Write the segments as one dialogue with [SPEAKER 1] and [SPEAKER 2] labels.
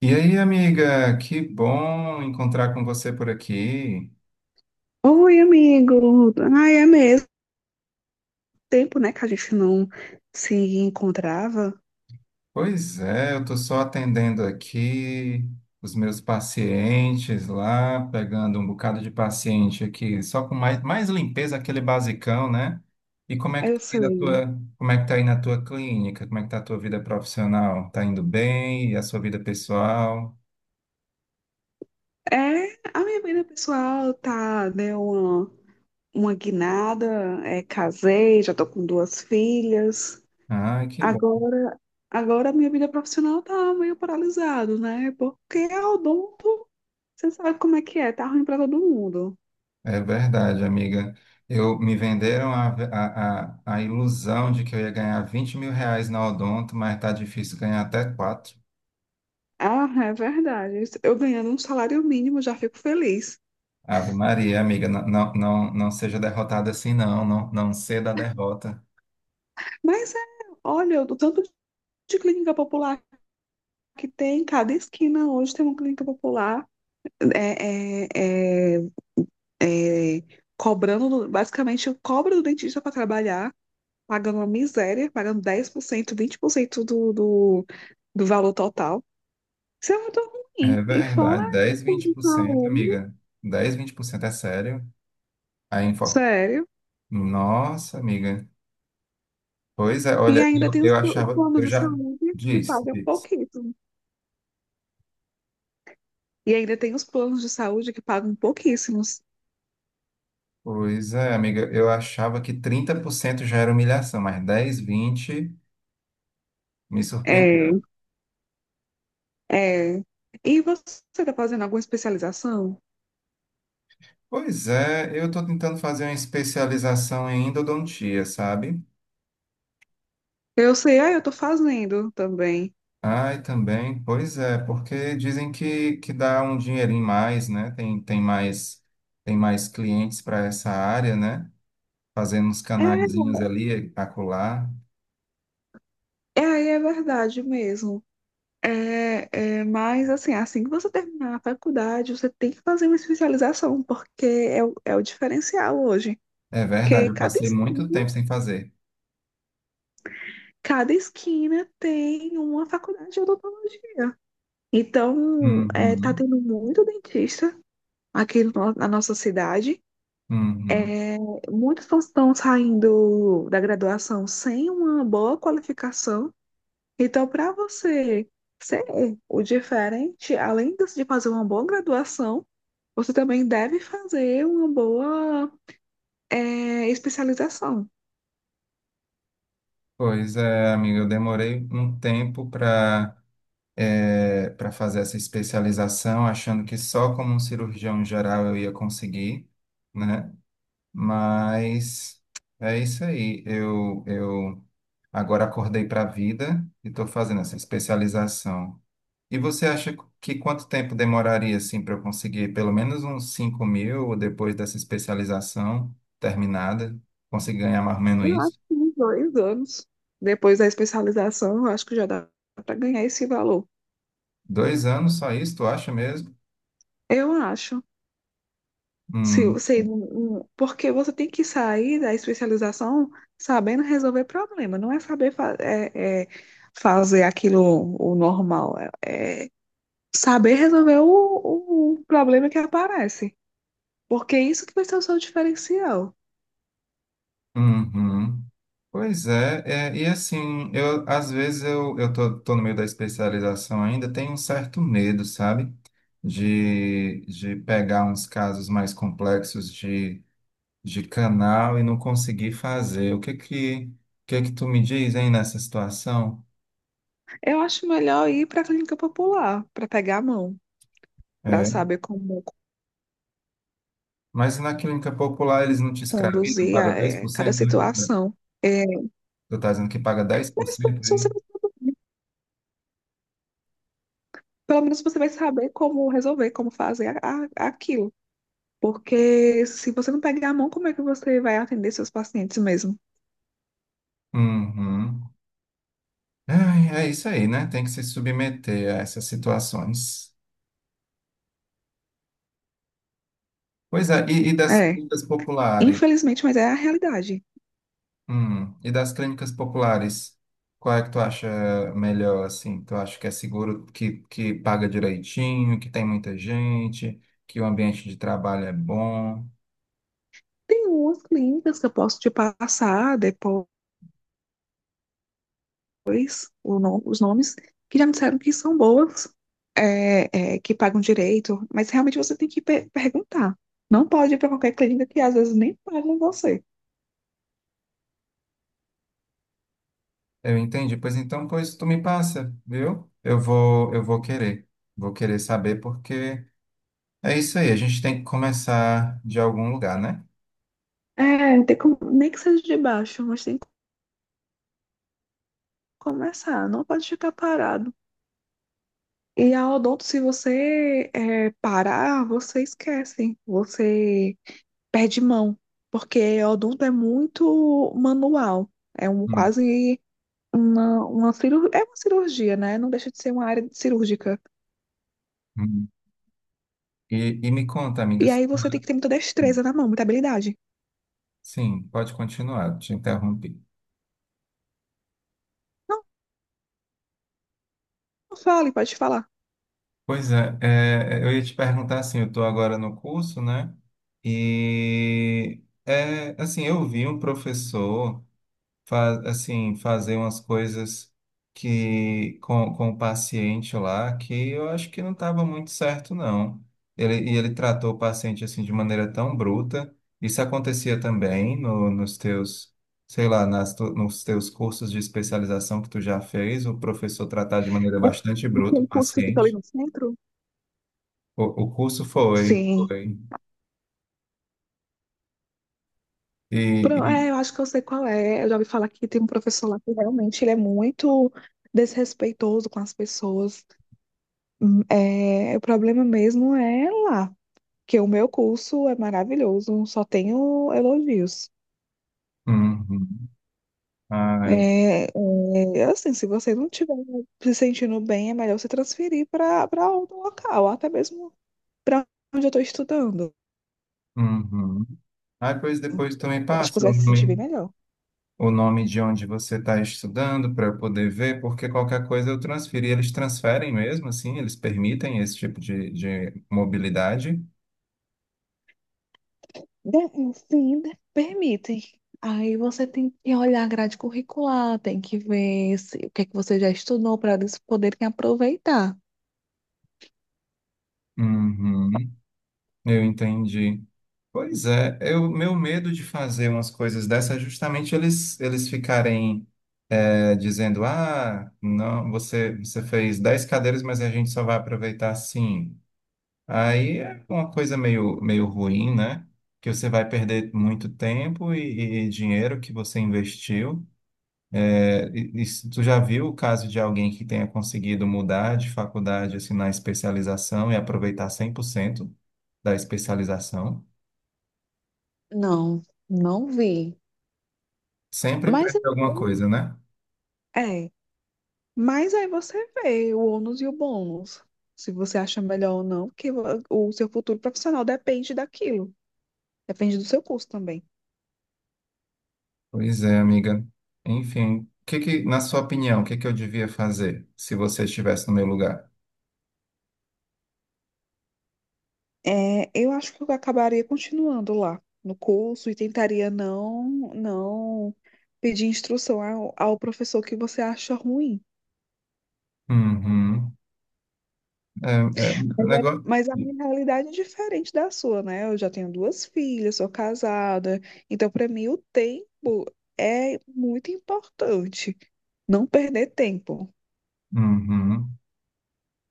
[SPEAKER 1] E aí, amiga, que bom encontrar com você por aqui.
[SPEAKER 2] Oi, amigo. Ai, é mesmo tempo, né, que a gente não se encontrava.
[SPEAKER 1] Pois é, eu estou só atendendo aqui os meus pacientes lá, pegando um bocado de paciente aqui, só com mais limpeza, aquele basicão, né? E
[SPEAKER 2] Eu sei.
[SPEAKER 1] como é que tá aí na tua clínica? Como é que tá a tua vida profissional? Tá indo bem? E a sua vida pessoal?
[SPEAKER 2] É, a minha vida pessoal tá, deu uma guinada, casei, já tô com duas filhas.
[SPEAKER 1] Ai, que
[SPEAKER 2] Agora, agora a minha vida profissional tá meio paralisada, né? Porque é odonto, você sabe como é que é, tá ruim pra todo mundo.
[SPEAKER 1] É verdade, amiga. Eu me venderam a ilusão de que eu ia ganhar 20 mil reais na Odonto, mas tá difícil ganhar até quatro.
[SPEAKER 2] Ah, é verdade. Eu ganhando um salário mínimo já fico feliz.
[SPEAKER 1] Ave Maria, amiga, não, não, não, não seja derrotada assim, não, não, não ceda a derrota.
[SPEAKER 2] Mas é, olha, o tanto de clínica popular que tem em cada esquina hoje tem uma clínica popular é, é, é, é, cobrando, basicamente, cobra do dentista para trabalhar, pagando uma miséria, pagando 10%, 20% do valor total. Isso é muito
[SPEAKER 1] É
[SPEAKER 2] ruim. E
[SPEAKER 1] verdade,
[SPEAKER 2] fora os
[SPEAKER 1] dez,
[SPEAKER 2] planos
[SPEAKER 1] vinte
[SPEAKER 2] de
[SPEAKER 1] por cento,
[SPEAKER 2] saúde,
[SPEAKER 1] amiga. 10%, 20% é sério. A info...
[SPEAKER 2] sério.
[SPEAKER 1] Nossa, amiga. Pois é,
[SPEAKER 2] E
[SPEAKER 1] olha,
[SPEAKER 2] ainda
[SPEAKER 1] eu,
[SPEAKER 2] tem
[SPEAKER 1] eu
[SPEAKER 2] os
[SPEAKER 1] achava,
[SPEAKER 2] planos
[SPEAKER 1] eu
[SPEAKER 2] de
[SPEAKER 1] já
[SPEAKER 2] saúde que
[SPEAKER 1] diz,
[SPEAKER 2] pagam
[SPEAKER 1] diz.
[SPEAKER 2] pouquíssimo. E ainda tem os planos de saúde que pagam pouquíssimos.
[SPEAKER 1] Pois é, amiga, eu achava que 30% já era humilhação, mas 10, 20 me
[SPEAKER 2] É,
[SPEAKER 1] surpreendeu.
[SPEAKER 2] é. E você está fazendo alguma especialização?
[SPEAKER 1] Pois é, eu estou tentando fazer uma especialização em endodontia, sabe?
[SPEAKER 2] Eu sei, ah, eu tô fazendo também.
[SPEAKER 1] Ai, também, pois é, porque dizem que dá um dinheirinho mais, né? Tem mais clientes para essa área, né? Fazendo uns
[SPEAKER 2] É,
[SPEAKER 1] canaizinhos ali, acolá.
[SPEAKER 2] é aí é verdade mesmo. É, mas assim, assim que você terminar a faculdade, você tem que fazer uma especialização, porque é o diferencial hoje.
[SPEAKER 1] É
[SPEAKER 2] Porque
[SPEAKER 1] verdade, eu
[SPEAKER 2] cada
[SPEAKER 1] passei muito
[SPEAKER 2] esquina,
[SPEAKER 1] tempo sem fazer.
[SPEAKER 2] cada esquina tem uma faculdade de odontologia. Então, é, tá
[SPEAKER 1] Uhum,
[SPEAKER 2] tendo muito dentista aqui no- na nossa cidade.
[SPEAKER 1] uhum.
[SPEAKER 2] É, muitos estão saindo da graduação sem uma boa qualificação. Então, para você ser o diferente, além de fazer uma boa graduação, você também deve fazer uma boa especialização.
[SPEAKER 1] Pois é, amiga, eu demorei um tempo para fazer essa especialização, achando que só como um cirurgião geral eu ia conseguir, né? Mas é isso aí. Eu agora acordei para a vida e estou fazendo essa especialização. E você acha que quanto tempo demoraria assim para eu conseguir pelo menos uns 5 mil depois dessa especialização terminada? Conseguir ganhar mais ou menos
[SPEAKER 2] Eu acho
[SPEAKER 1] isso?
[SPEAKER 2] que uns dois anos depois da especialização, eu acho que já dá para ganhar esse valor.
[SPEAKER 1] 2 anos só isso, tu acha mesmo?
[SPEAKER 2] Eu acho. Se
[SPEAKER 1] Hum.
[SPEAKER 2] você, porque você tem que sair da especialização sabendo resolver problema, não é saber fa- eh, eh, fazer aquilo o normal. É saber resolver o problema que aparece. Porque é isso que vai ser o seu diferencial.
[SPEAKER 1] Uhum. Pois é, e assim, eu às vezes eu tô, tô no meio da especialização ainda, tenho um certo medo, sabe? De pegar uns casos mais complexos de canal e não conseguir fazer. O que que tu me diz, hein, nessa situação?
[SPEAKER 2] Eu acho melhor ir para a clínica popular, para pegar a mão, para
[SPEAKER 1] É,
[SPEAKER 2] saber como
[SPEAKER 1] mas na clínica popular eles não te escravizam,
[SPEAKER 2] conduzir
[SPEAKER 1] paga
[SPEAKER 2] cada
[SPEAKER 1] 10%, né?
[SPEAKER 2] situação. É,
[SPEAKER 1] Tu tá dizendo que paga dez por
[SPEAKER 2] mas
[SPEAKER 1] cento aí?
[SPEAKER 2] pelo menos você vai saber como resolver, como fazer aquilo. Porque se você não pegar a mão, como é que você vai atender seus pacientes mesmo?
[SPEAKER 1] Uhum. Ai, é isso aí, né? Tem que se submeter a essas situações. Pois é, e das
[SPEAKER 2] É,
[SPEAKER 1] clínicas populares?
[SPEAKER 2] infelizmente, mas é a realidade.
[SPEAKER 1] E das clínicas populares, qual é que tu acha melhor, assim? Tu acha que é seguro, que paga direitinho, que tem muita gente, que o ambiente de trabalho é bom?
[SPEAKER 2] Tem umas clínicas que eu posso te passar depois depois nom os nomes, que já me disseram que são boas, que pagam direito, mas realmente você tem que pe perguntar. Não pode ir para qualquer clínica que às vezes nem pagam você.
[SPEAKER 1] Eu entendi. Pois então, pois tu me passa, viu? Eu vou querer. Vou querer saber porque é isso aí, a gente tem que começar de algum lugar, né?
[SPEAKER 2] É, tem como, nem que seja de baixo, mas tem que começar, não pode ficar parado. E a odonto, se você parar, você esquece, você perde mão, porque a odonto é muito manual, é um
[SPEAKER 1] Hum,
[SPEAKER 2] quase uma cirurgia. É uma cirurgia, né? Não deixa de ser uma área cirúrgica.
[SPEAKER 1] hum. E me conta,
[SPEAKER 2] E
[SPEAKER 1] amigas.
[SPEAKER 2] aí você tem que ter muita destreza na mão, muita habilidade.
[SPEAKER 1] Sim, pode continuar, te interrompi.
[SPEAKER 2] Não, não fale, pode falar.
[SPEAKER 1] Pois é, eu ia te perguntar assim, eu estou agora no curso, né? E é assim, eu vi um professor. Assim, fazer umas coisas que com o paciente lá que eu acho que não estava muito certo, não. Ele tratou o paciente assim de maneira tão bruta. Isso acontecia também no, nos teus, sei lá, nos teus cursos de especialização que tu já fez, o professor tratar de maneira
[SPEAKER 2] É
[SPEAKER 1] bastante bruta
[SPEAKER 2] aquele
[SPEAKER 1] o
[SPEAKER 2] curso que fica ali
[SPEAKER 1] paciente.
[SPEAKER 2] no centro?
[SPEAKER 1] O curso foi,
[SPEAKER 2] Sim.
[SPEAKER 1] foi. E, e-
[SPEAKER 2] É, eu acho que eu sei qual é. Eu já ouvi falar que tem um professor lá que realmente ele é muito desrespeitoso com as pessoas. É, o problema mesmo é lá, que o meu curso é maravilhoso, só tenho elogios.
[SPEAKER 1] uhum. Ai,
[SPEAKER 2] Assim, se você não estiver se sentindo bem, é melhor você transferir para outro local, até mesmo para onde eu estou estudando.
[SPEAKER 1] uhum. Ai, pois depois também
[SPEAKER 2] Eu acho que
[SPEAKER 1] passa
[SPEAKER 2] você
[SPEAKER 1] o
[SPEAKER 2] vai se sentir bem
[SPEAKER 1] nome.
[SPEAKER 2] melhor.
[SPEAKER 1] O nome de onde você está estudando para eu poder ver, porque qualquer coisa eu transferi. Eles transferem mesmo, assim, eles permitem esse tipo de mobilidade.
[SPEAKER 2] De- Sim, permitem. Aí você tem que olhar a grade curricular, tem que ver se, o que é que você já estudou para eles poderem aproveitar.
[SPEAKER 1] Uhum, eu entendi. Pois é, meu medo de fazer umas coisas dessas é justamente eles ficarem dizendo, ah, não, você fez 10 cadeiras, mas a gente só vai aproveitar 5. Aí é uma coisa meio ruim, né? Que você vai perder muito tempo e dinheiro que você investiu. É, e se tu já viu o caso de alguém que tenha conseguido mudar de faculdade, assim, na especialização e aproveitar 100% da especialização?
[SPEAKER 2] Não, não vi.
[SPEAKER 1] Sempre
[SPEAKER 2] Mas
[SPEAKER 1] perde alguma coisa, né?
[SPEAKER 2] é, Mas aí você vê o ônus e o bônus, se você acha melhor ou não, porque o seu futuro profissional depende daquilo, depende do seu curso também.
[SPEAKER 1] Pois é, amiga. Enfim, na sua opinião, o que que eu devia fazer se você estivesse no meu lugar?
[SPEAKER 2] É, eu acho que eu acabaria continuando lá no curso e tentaria não, não pedir instrução ao professor que você acha ruim.
[SPEAKER 1] Uhum. É, é,
[SPEAKER 2] Mas,
[SPEAKER 1] negócio...
[SPEAKER 2] mas a minha realidade é diferente da sua, né? Eu já tenho duas filhas, sou casada, então para mim o tempo é muito importante, não perder tempo.
[SPEAKER 1] Uhum.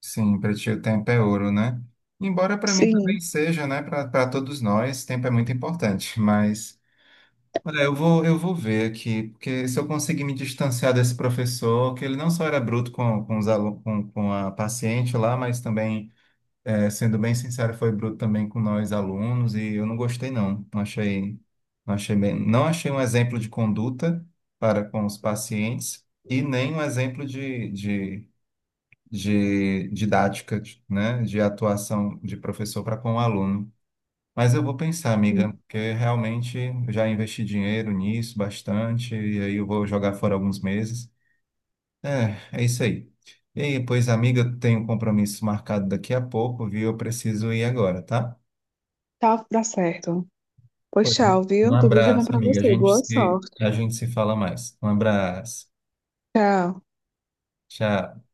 [SPEAKER 1] Sim, para ti o tempo é ouro, né? Embora para mim também
[SPEAKER 2] Sim.
[SPEAKER 1] seja, né? Para todos nós, tempo é muito importante. Mas, olha, eu vou ver aqui, porque se eu conseguir me distanciar desse professor, que ele não só era bruto com os alunos, com a paciente lá, mas também, sendo bem sincero, foi bruto também com nós alunos, e eu não gostei, não. Não achei, não achei bem, não achei um exemplo de conduta para com os pacientes e nem um exemplo de didática, né, de atuação de professor para com o aluno. Mas eu vou pensar, amiga, porque realmente eu já investi dinheiro nisso bastante, e aí eu vou jogar fora alguns meses. É, é isso aí. E aí, pois, amiga, eu tenho um compromisso marcado daqui a pouco, viu? Eu preciso ir agora, tá?
[SPEAKER 2] Tá, dá certo. Pois
[SPEAKER 1] Pois,
[SPEAKER 2] tchau,
[SPEAKER 1] um
[SPEAKER 2] viu? Tudo de bom
[SPEAKER 1] abraço,
[SPEAKER 2] pra
[SPEAKER 1] amiga. A
[SPEAKER 2] você.
[SPEAKER 1] gente
[SPEAKER 2] Boa
[SPEAKER 1] se,
[SPEAKER 2] sorte.
[SPEAKER 1] a gente se fala mais. Um abraço.
[SPEAKER 2] Tchau.
[SPEAKER 1] Tchau.